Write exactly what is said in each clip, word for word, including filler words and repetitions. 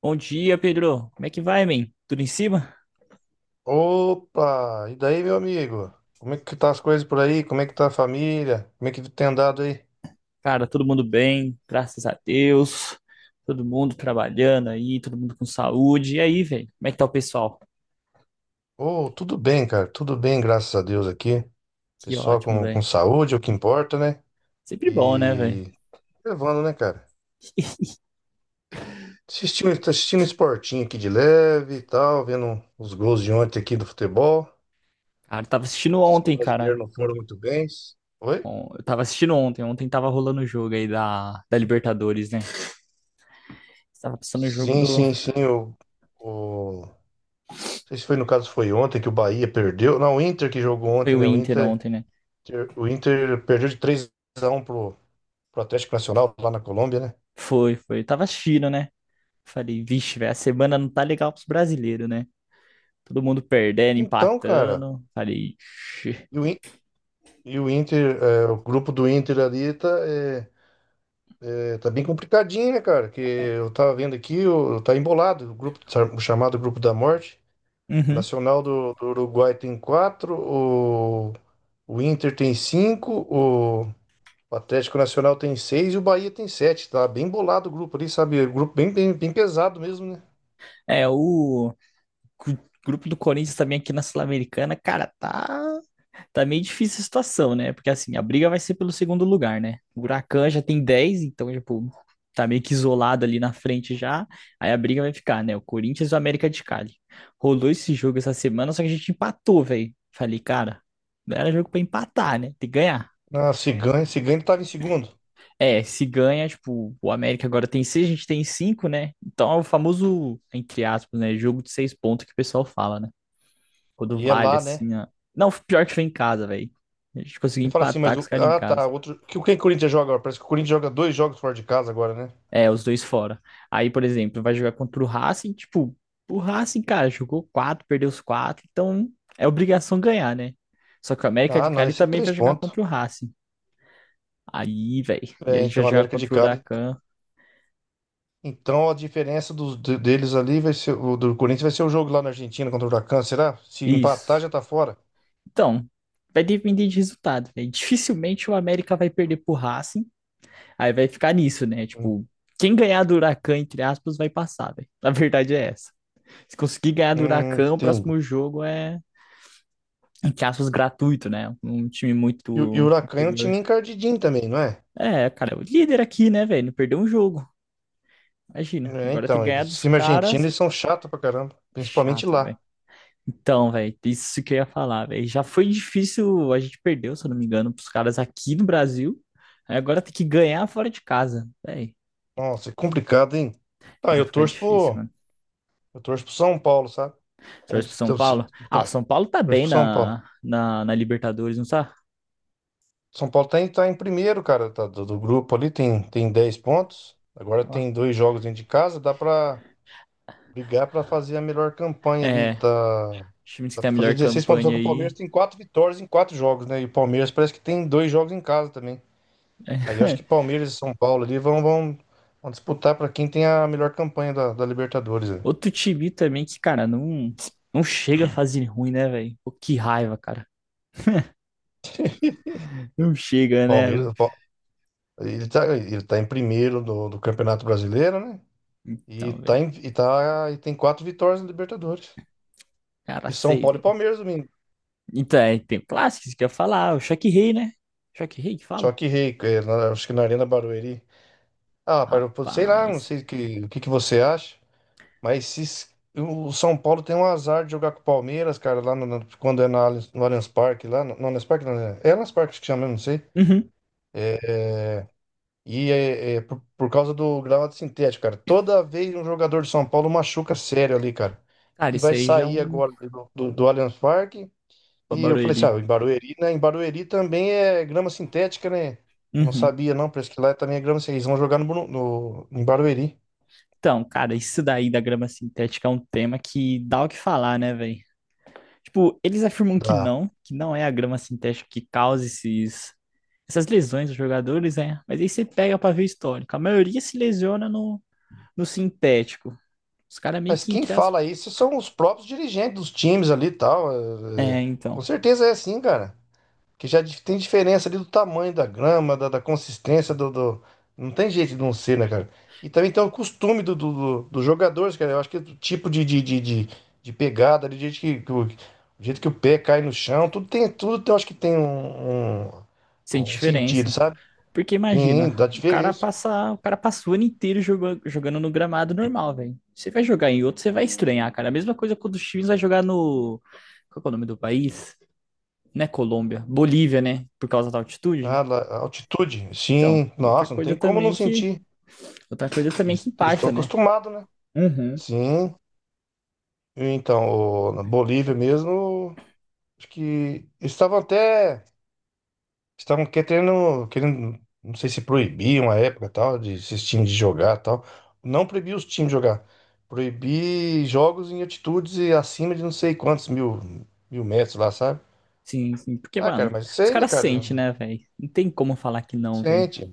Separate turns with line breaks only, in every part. Bom dia, Pedro. Como é que vai, man? Tudo em cima?
Opa! E daí, meu amigo? Como é que tá as coisas por aí? Como é que tá a família? Como é que tem andado aí?
Cara, todo mundo bem, graças a Deus. Todo mundo trabalhando aí, todo mundo com saúde. E aí, velho? Como é que tá o pessoal?
Oh, tudo bem, cara. Tudo bem, graças a Deus aqui.
Que
Pessoal
ótimo,
com, com
velho.
saúde, é o que importa, né?
Sempre bom, né, velho?
E levando, né, cara? Assistindo, tá assistindo esportinho aqui de leve e tal, vendo os gols de ontem aqui do futebol.
Cara, eu tava assistindo
Sim,
ontem, cara.
brasileiro não foram muito bem. Oi?
Bom, eu tava assistindo ontem. Ontem tava rolando o jogo aí da, da Libertadores, né? Tava passando o jogo
Sim,
do.
sim, sim. O, o... Não sei se foi no caso foi ontem que o Bahia perdeu. Não, o Inter que jogou
Foi
ontem,
o
né? O
Inter
Inter.
ontem, né?
Inter- O Inter perdeu de três a um pro, pro Atlético Nacional lá na Colômbia, né?
Foi, foi. Eu tava assistindo, né? Falei, vixe, velho, a semana não tá legal pros brasileiros, né? Todo mundo perdendo,
Então, cara,
empatando. Falei,
e o, In- e o Inter, é, o grupo do Inter ali tá, é, é, tá bem complicadinho, né, cara? Que eu tava vendo aqui, o- tá embolado, o grupo, o chamado Grupo da Morte. O
Uhum.
Nacional do, do Uruguai tem quatro, o, o Inter tem cinco, o, o Atlético Nacional tem seis e o Bahia tem sete. Tá bem bolado o grupo ali, sabe? Grupo bem, bem, bem pesado mesmo, né?
É, o gru- grupo do Corinthians também aqui na Sul-Americana, cara, tá, tá meio difícil a situação, né? Porque assim, a briga vai ser pelo segundo lugar, né? O Huracan já tem dez, então, tipo, tá meio que isolado ali na frente já. Aí a briga vai ficar, né? O Corinthians e o América de Cali. Rolou esse jogo essa semana, só que a gente empatou, velho. Falei, cara, não era jogo pra empatar, né? Tem que ganhar.
Na Ciganha, Ciganha ele tava em segundo.
É, se ganha, tipo, o América agora tem seis, a gente tem cinco, né? Então é o famoso, entre aspas, né? Jogo de seis pontos que o pessoal fala, né? Quando
E é
vale,
lá, né?
assim, ó. Não, pior que foi em casa, velho. A gente conseguiu
Ele fala assim, mas
empatar com
o.
os caras em
Ah, tá.
casa.
Outro. Que o que o Corinthians joga agora? Parece que o Corinthians joga dois jogos fora de casa agora, né?
É, os dois fora. Aí, por exemplo, vai jogar contra o Racing, tipo, o Racing, cara, jogou quatro, perdeu os quatro, então é obrigação ganhar, né? Só que o América de
Ah, não,
Cali
esse é
também
três
vai jogar
pontos.
contra o Racing. Aí, velho, e a
É,
gente vai
então,
jogar
América de
contra o
Cali.
Huracan.
Então a diferença dos, de- deles ali vai ser. O do Corinthians vai ser o jogo lá na Argentina contra o Huracan, será? Se empatar,
Isso.
já tá fora.
Então, vai depender de resultado, velho. Dificilmente o América vai perder pro Racing. Aí vai ficar nisso, né?
Hum,
Tipo, quem ganhar do Huracan, entre aspas, vai passar, velho. A verdade é essa. Se conseguir ganhar do
hum,
Huracan, o
entendi.
próximo jogo é, entre aspas, gratuito, né? Um time
E, o- e o
muito
Huracan é um time
inferior.
encardidinho também, não é?
É, cara, o líder aqui, né, velho? Não perdeu um jogo. Imagina.
É,
Agora tem que
então,
ganhar
eles-
dos
time argentino,
caras.
eles são chatos pra caramba.
É
Principalmente
chato, velho.
lá.
Então, velho, isso que eu ia falar, velho. Já foi difícil, a gente perdeu, se eu não me engano, pros caras aqui no Brasil. Aí agora tem que ganhar fora de casa, velho.
Nossa, é complicado, hein? Ah,
Ah,
eu
fica
torço
difícil,
pro.
mano.
Eu torço pro São Paulo, sabe? A
Sorte pro
gente-
São
Então, se-
Paulo. Ah, o
então,
São Paulo tá
Torço
bem
pro São Paulo.
na, na, na Libertadores, não tá?
São Paulo tá em, tá em primeiro, cara, tá, do, do grupo ali, tem, tem dez pontos. Agora
Olha lá.
tem dois jogos dentro de casa, dá pra brigar pra fazer a melhor campanha ali.
É,
Tá,
os times que
dá
tem a
pra fazer
melhor
dezesseis pontos, só
campanha
que o Palmeiras
aí.
tem quatro vitórias em quatro jogos, né? E o Palmeiras parece que tem dois jogos em casa também. Aí eu acho
É.
que Palmeiras e São Paulo ali vão, vão, vão disputar pra quem tem a melhor campanha da, da Libertadores, né?
Outro time também que, cara, não, não chega a fazer ruim, né, velho? Pô, que raiva, cara. Não chega, né?
Palmeiras, o Pa- ele tá, ele tá em primeiro do, do Campeonato Brasileiro, né? E
Então,
tá,
velho.
em- e tá e tem quatro vitórias na Libertadores.
Cara,
E São
sei
Paulo e
lá.
Palmeiras domingo.
Então, é, tem clássicos que eu ia falar. O Choque Rei, né? Choque Rei que
Só
fala?
que rei, é, na- acho que na Arena Barueri. Ah, para eu sei lá, não
Rapaz.
sei o que, o que que você acha, mas se, s- o São Paulo tem um azar de jogar com o Palmeiras, cara, lá no, no- quando é na, Allianz- no Allianz Parque, lá, no, no Allianz Parque, não, é, é Allianz Parque acho que chama, eu não sei.
Uhum.
E é, é é por, por causa do gramado sintético, cara. Toda vez um jogador de São Paulo machuca sério ali, cara.
Cara,
E
isso
vai
aí já é
sair
um
agora do, do, do Allianz Parque. E eu falei assim,
babarueri.
ah, em Barueri, né? Em Barueri também é grama sintética, né? Eu não
Uhum.
sabia, não, parece que lá também é grama sintética. Eles vão jogar no, Bru- no- em Barueri.
Então, cara, isso daí da grama sintética é um tema que dá o que falar, né, velho? Tipo, eles afirmam que
Dá.
não, que não é a grama sintética que causa esses, essas lesões dos jogadores, né? Mas aí você pega pra ver o histórico. A maioria se lesiona no, no sintético. Os caras meio
Mas
que
quem
entre as...
fala isso são os próprios dirigentes dos times ali e tal. é, é.
É,
com
então,
certeza é assim, cara. Que já dif- tem diferença ali do tamanho da grama, da, da consistência do, do- Não tem jeito de não ser, né, cara? E também tem o costume do, do, do- dos jogadores, cara. Eu acho que o tipo de, de, de, de, de pegada, ali, do jeito que, que o, o jeito que o pé cai no chão, tudo tem, tudo tem- eu acho que tem um, um,
sem
um sentido,
diferença.
sabe?
Porque
Sim,
imagina,
dá
o cara
diferença.
passa, o cara passa o ano inteiro jogando, jogando no gramado normal, velho. Você vai jogar em outro, você vai estranhar, cara. A mesma coisa quando os times vai jogar no, qual que é o nome do país? Não é Colômbia, Bolívia, né? Por causa da altitude.
Ah, lá, a altitude,
Então,
sim.
outra
Nossa, não
coisa
tem como não
também que
sentir.
outra coisa é também que
Eles eles estão
impacta, né?
acostumados, né?
Uhum.
Sim. Então, o- na Bolívia mesmo, acho que eles estavam até. Estavam querendo, querendo, não sei se proibiam a época tal, de esses times de jogar tal. Não proibir os times de jogar. Proibir jogos em altitudes e acima de não sei quantos mil, mil metros lá, sabe?
Sim, sim. Porque,
Ah, cara,
mano,
mas
os
sei, né,
caras
cara?
sentem, né, velho? Não tem como falar que não, velho.
Sente,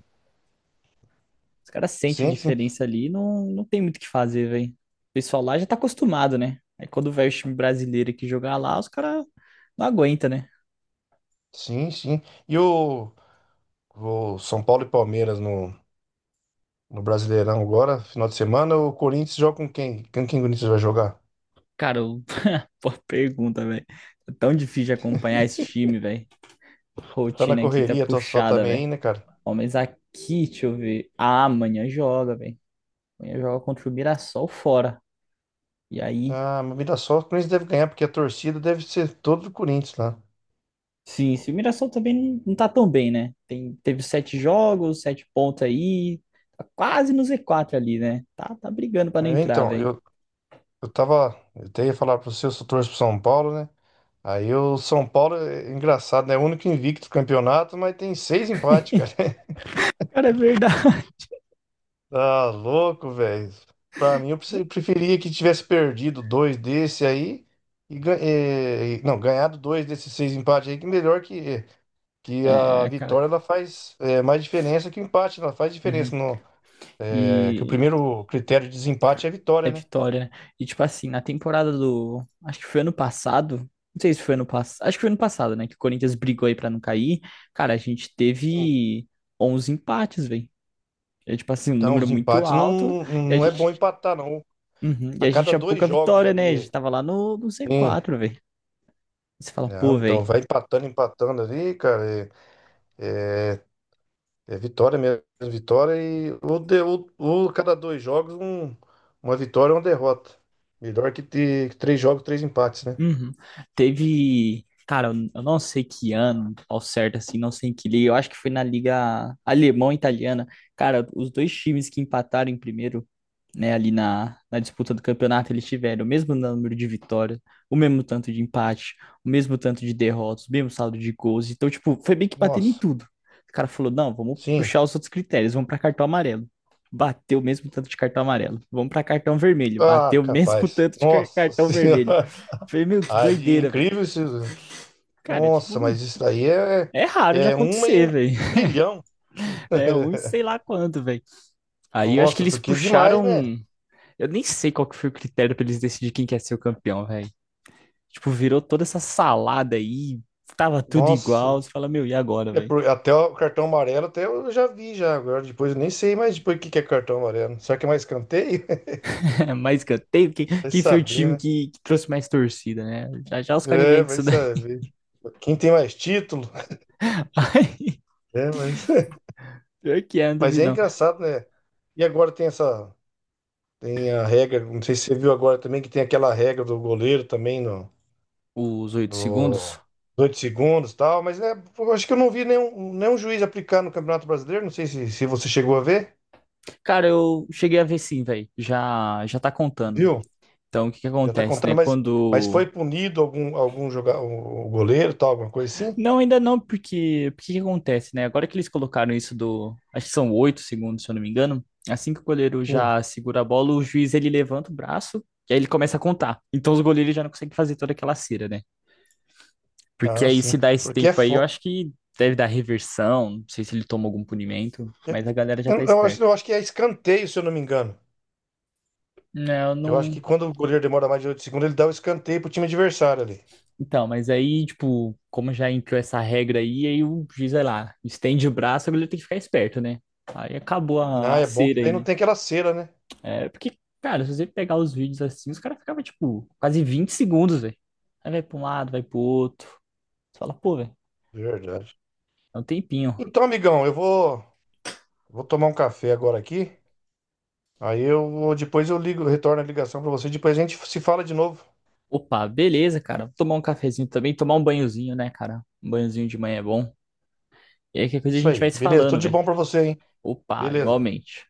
Os caras sentem a
sente, sim.
diferença ali, e não, não tem muito o que fazer, velho. O pessoal lá já tá acostumado, né? Aí quando vai o time brasileiro aqui jogar lá, os caras não aguenta, né?
Sim, sim. E o, o São Paulo e Palmeiras no, no Brasileirão agora, final de semana, o Corinthians joga com quem? Com quem o Corinthians vai jogar?
Cara, eu- boa pergunta, velho. É tão difícil de acompanhar esse time, velho.
Você tá na
Rotina aqui tá
correria, tá só
puxada,
também
velho.
aí, né, cara?
Ó, mas aqui, deixa eu ver. Ah, amanhã joga, velho. Amanhã joga contra o Mirassol fora. E aí,
Ah, mas Mirassol, o Corinthians deve ganhar, porque a torcida deve ser toda do Corinthians lá.
sim, sim, o Mirassol também não não tá tão bem, né? Tem, teve sete jogos, sete pontos aí, tá quase no Z quatro ali, né? Tá, tá brigando pra não
É,
entrar,
então,
velho.
eu, eu tava. Eu até ia falar pra você, eu sou torço pro São Paulo, né? Aí o São Paulo é é engraçado, né? É o único invicto do campeonato, mas tem seis empates, cara.
Cara, é verdade.
Tá louco, velho. Pra mim, eu preferi- preferia que tivesse perdido dois desse aí e, gan- eh, e- não, ganhado dois desses seis empates aí, que melhor que, que a
É, cara.
vitória ela faz eh, mais diferença que o empate, ela faz diferença.
Uhum.
É que o
E
primeiro critério de desempate é a vitória,
é
né?
vitória, né? E tipo assim, na temporada do. Acho que foi ano passado. Não sei se foi ano passado. Acho que foi ano passado, né? Que o Corinthians brigou aí pra não cair. Cara, a gente
Sim.
teve onze empates, velho. É tipo assim, um
Então,
número
os
muito
empates não,
alto.
não
E a
não é bom
gente.
empatar, não.
Uhum. E
A
a gente
cada
tinha
dois
pouca
jogos
vitória, né? A gente
ali,
tava lá no, no
um.
Z quatro, velho. Você fala, pô,
Não, então
velho.
vai empatando, empatando ali, cara. É, é, é vitória mesmo, vitória e ou, de, ou, ou cada dois jogos, um, uma vitória ou uma derrota. Melhor que ter três jogos, três empates, né?
Uhum. Teve. Cara, eu eu não sei que ano, ao certo, assim, não sei em que liga. Eu acho que foi na Liga Alemão-Italiana. Cara, os dois times que empataram em primeiro, né, ali na, na disputa do campeonato, eles tiveram o mesmo número de vitórias, o mesmo tanto de empate, o mesmo tanto de derrotas, o mesmo saldo de gols. Então, tipo, foi bem que batendo em
Nossa,
tudo. O cara falou: não, vamos
sim.
puxar os outros critérios, vamos para cartão amarelo. Bateu o mesmo tanto de cartão amarelo. Vamos para cartão vermelho.
Ah,
Bateu o mesmo
capaz.
tanto de car-
Nossa
cartão vermelho.
senhora.
Falei, meu, que
Ah, de
doideira, velho.
incrível isso.
Cara,
Nossa,
tipo,
mas isso daí é,
é raro de
é uma em
acontecer,
um
velho.
bilhão.
É um e sei lá quanto, velho. Aí eu acho que
Nossa,
eles
porque é demais, né?
puxaram. Eu nem sei qual que foi o critério pra eles decidirem quem quer ser o campeão, velho. Tipo, virou toda essa salada aí, tava tudo
Nossa,
igual. Você fala, meu, e agora,
é
velho?
por- até o cartão amarelo até eu já vi já agora. Depois eu nem sei mais depois o que que é cartão amarelo. Será que é mais escanteio?
Mais escanteio? Quem,
Vai
quem foi o
saber,
time
né?
que, que trouxe mais torcida, né? Já já os caras
É,
inventam
vai
isso daí.
saber. Quem tem mais título?
Ai,
É, mas,
pior que é, não
mas
duvido
é
não.
engraçado, né? E agora tem essa, tem a regra, não sei se você viu agora também que tem aquela regra do goleiro também no,
Os oito
do,
segundos.
dos segundos e tal, mas é, eu acho que eu não vi nenhum, nenhum juiz aplicar no Campeonato Brasileiro, não sei se, se você chegou a ver,
Cara, eu cheguei a ver sim, velho. Já, já tá contando.
viu?
Então, o que que
Já tá
acontece,
contando,
né?
mas, mas foi
Quando
punido algum, algum jogador, o goleiro, e tal, alguma coisa assim?
não, ainda não, porque porque que acontece, né? Agora que eles colocaram isso do, acho que são oito segundos, se eu não me engano, assim que o goleiro
Sim.
já segura a bola, o juiz ele levanta o braço e aí ele começa a contar. Então os goleiros já não conseguem fazer toda aquela cera, né? Porque
Ah,
aí se
sim.
dá esse
Porque é.
tempo aí, eu
Fo...
acho que deve dar reversão, não sei se ele toma algum punimento,
é-
mas a galera já tá
Eu, eu acho,
esperta.
eu acho que é escanteio, se eu não me engano.
Não, eu
Eu acho que
não.
quando o goleiro demora mais de oito segundos, ele dá o escanteio pro time adversário ali.
Então, mas aí, tipo, como já entrou essa regra aí, aí o juiz vai lá, estende o braço, o goleiro tem que ficar esperto, né? Aí acabou
Ah,
a a
é bom que
cera
daí
aí,
não
né?
tem aquela cera, né?
É, porque, cara, se você pegar os vídeos assim, os caras ficavam, tipo, quase vinte segundos, velho. Aí vai pra um lado, vai pro outro. Você fala, pô, velho,
Verdade.
é um tempinho.
Então, amigão, eu vou, vou tomar um café agora aqui. Aí eu vou- depois eu ligo, retorno a ligação pra você, depois a gente se fala de novo.
Opa, beleza, cara. Vou tomar um cafezinho também, tomar um banhozinho, né, cara? Um banhozinho de manhã é bom. E aí, que coisa a
Isso
gente vai
aí.
se
Beleza, tudo
falando,
de
velho.
bom pra você, hein?
Opa,
Beleza.
igualmente.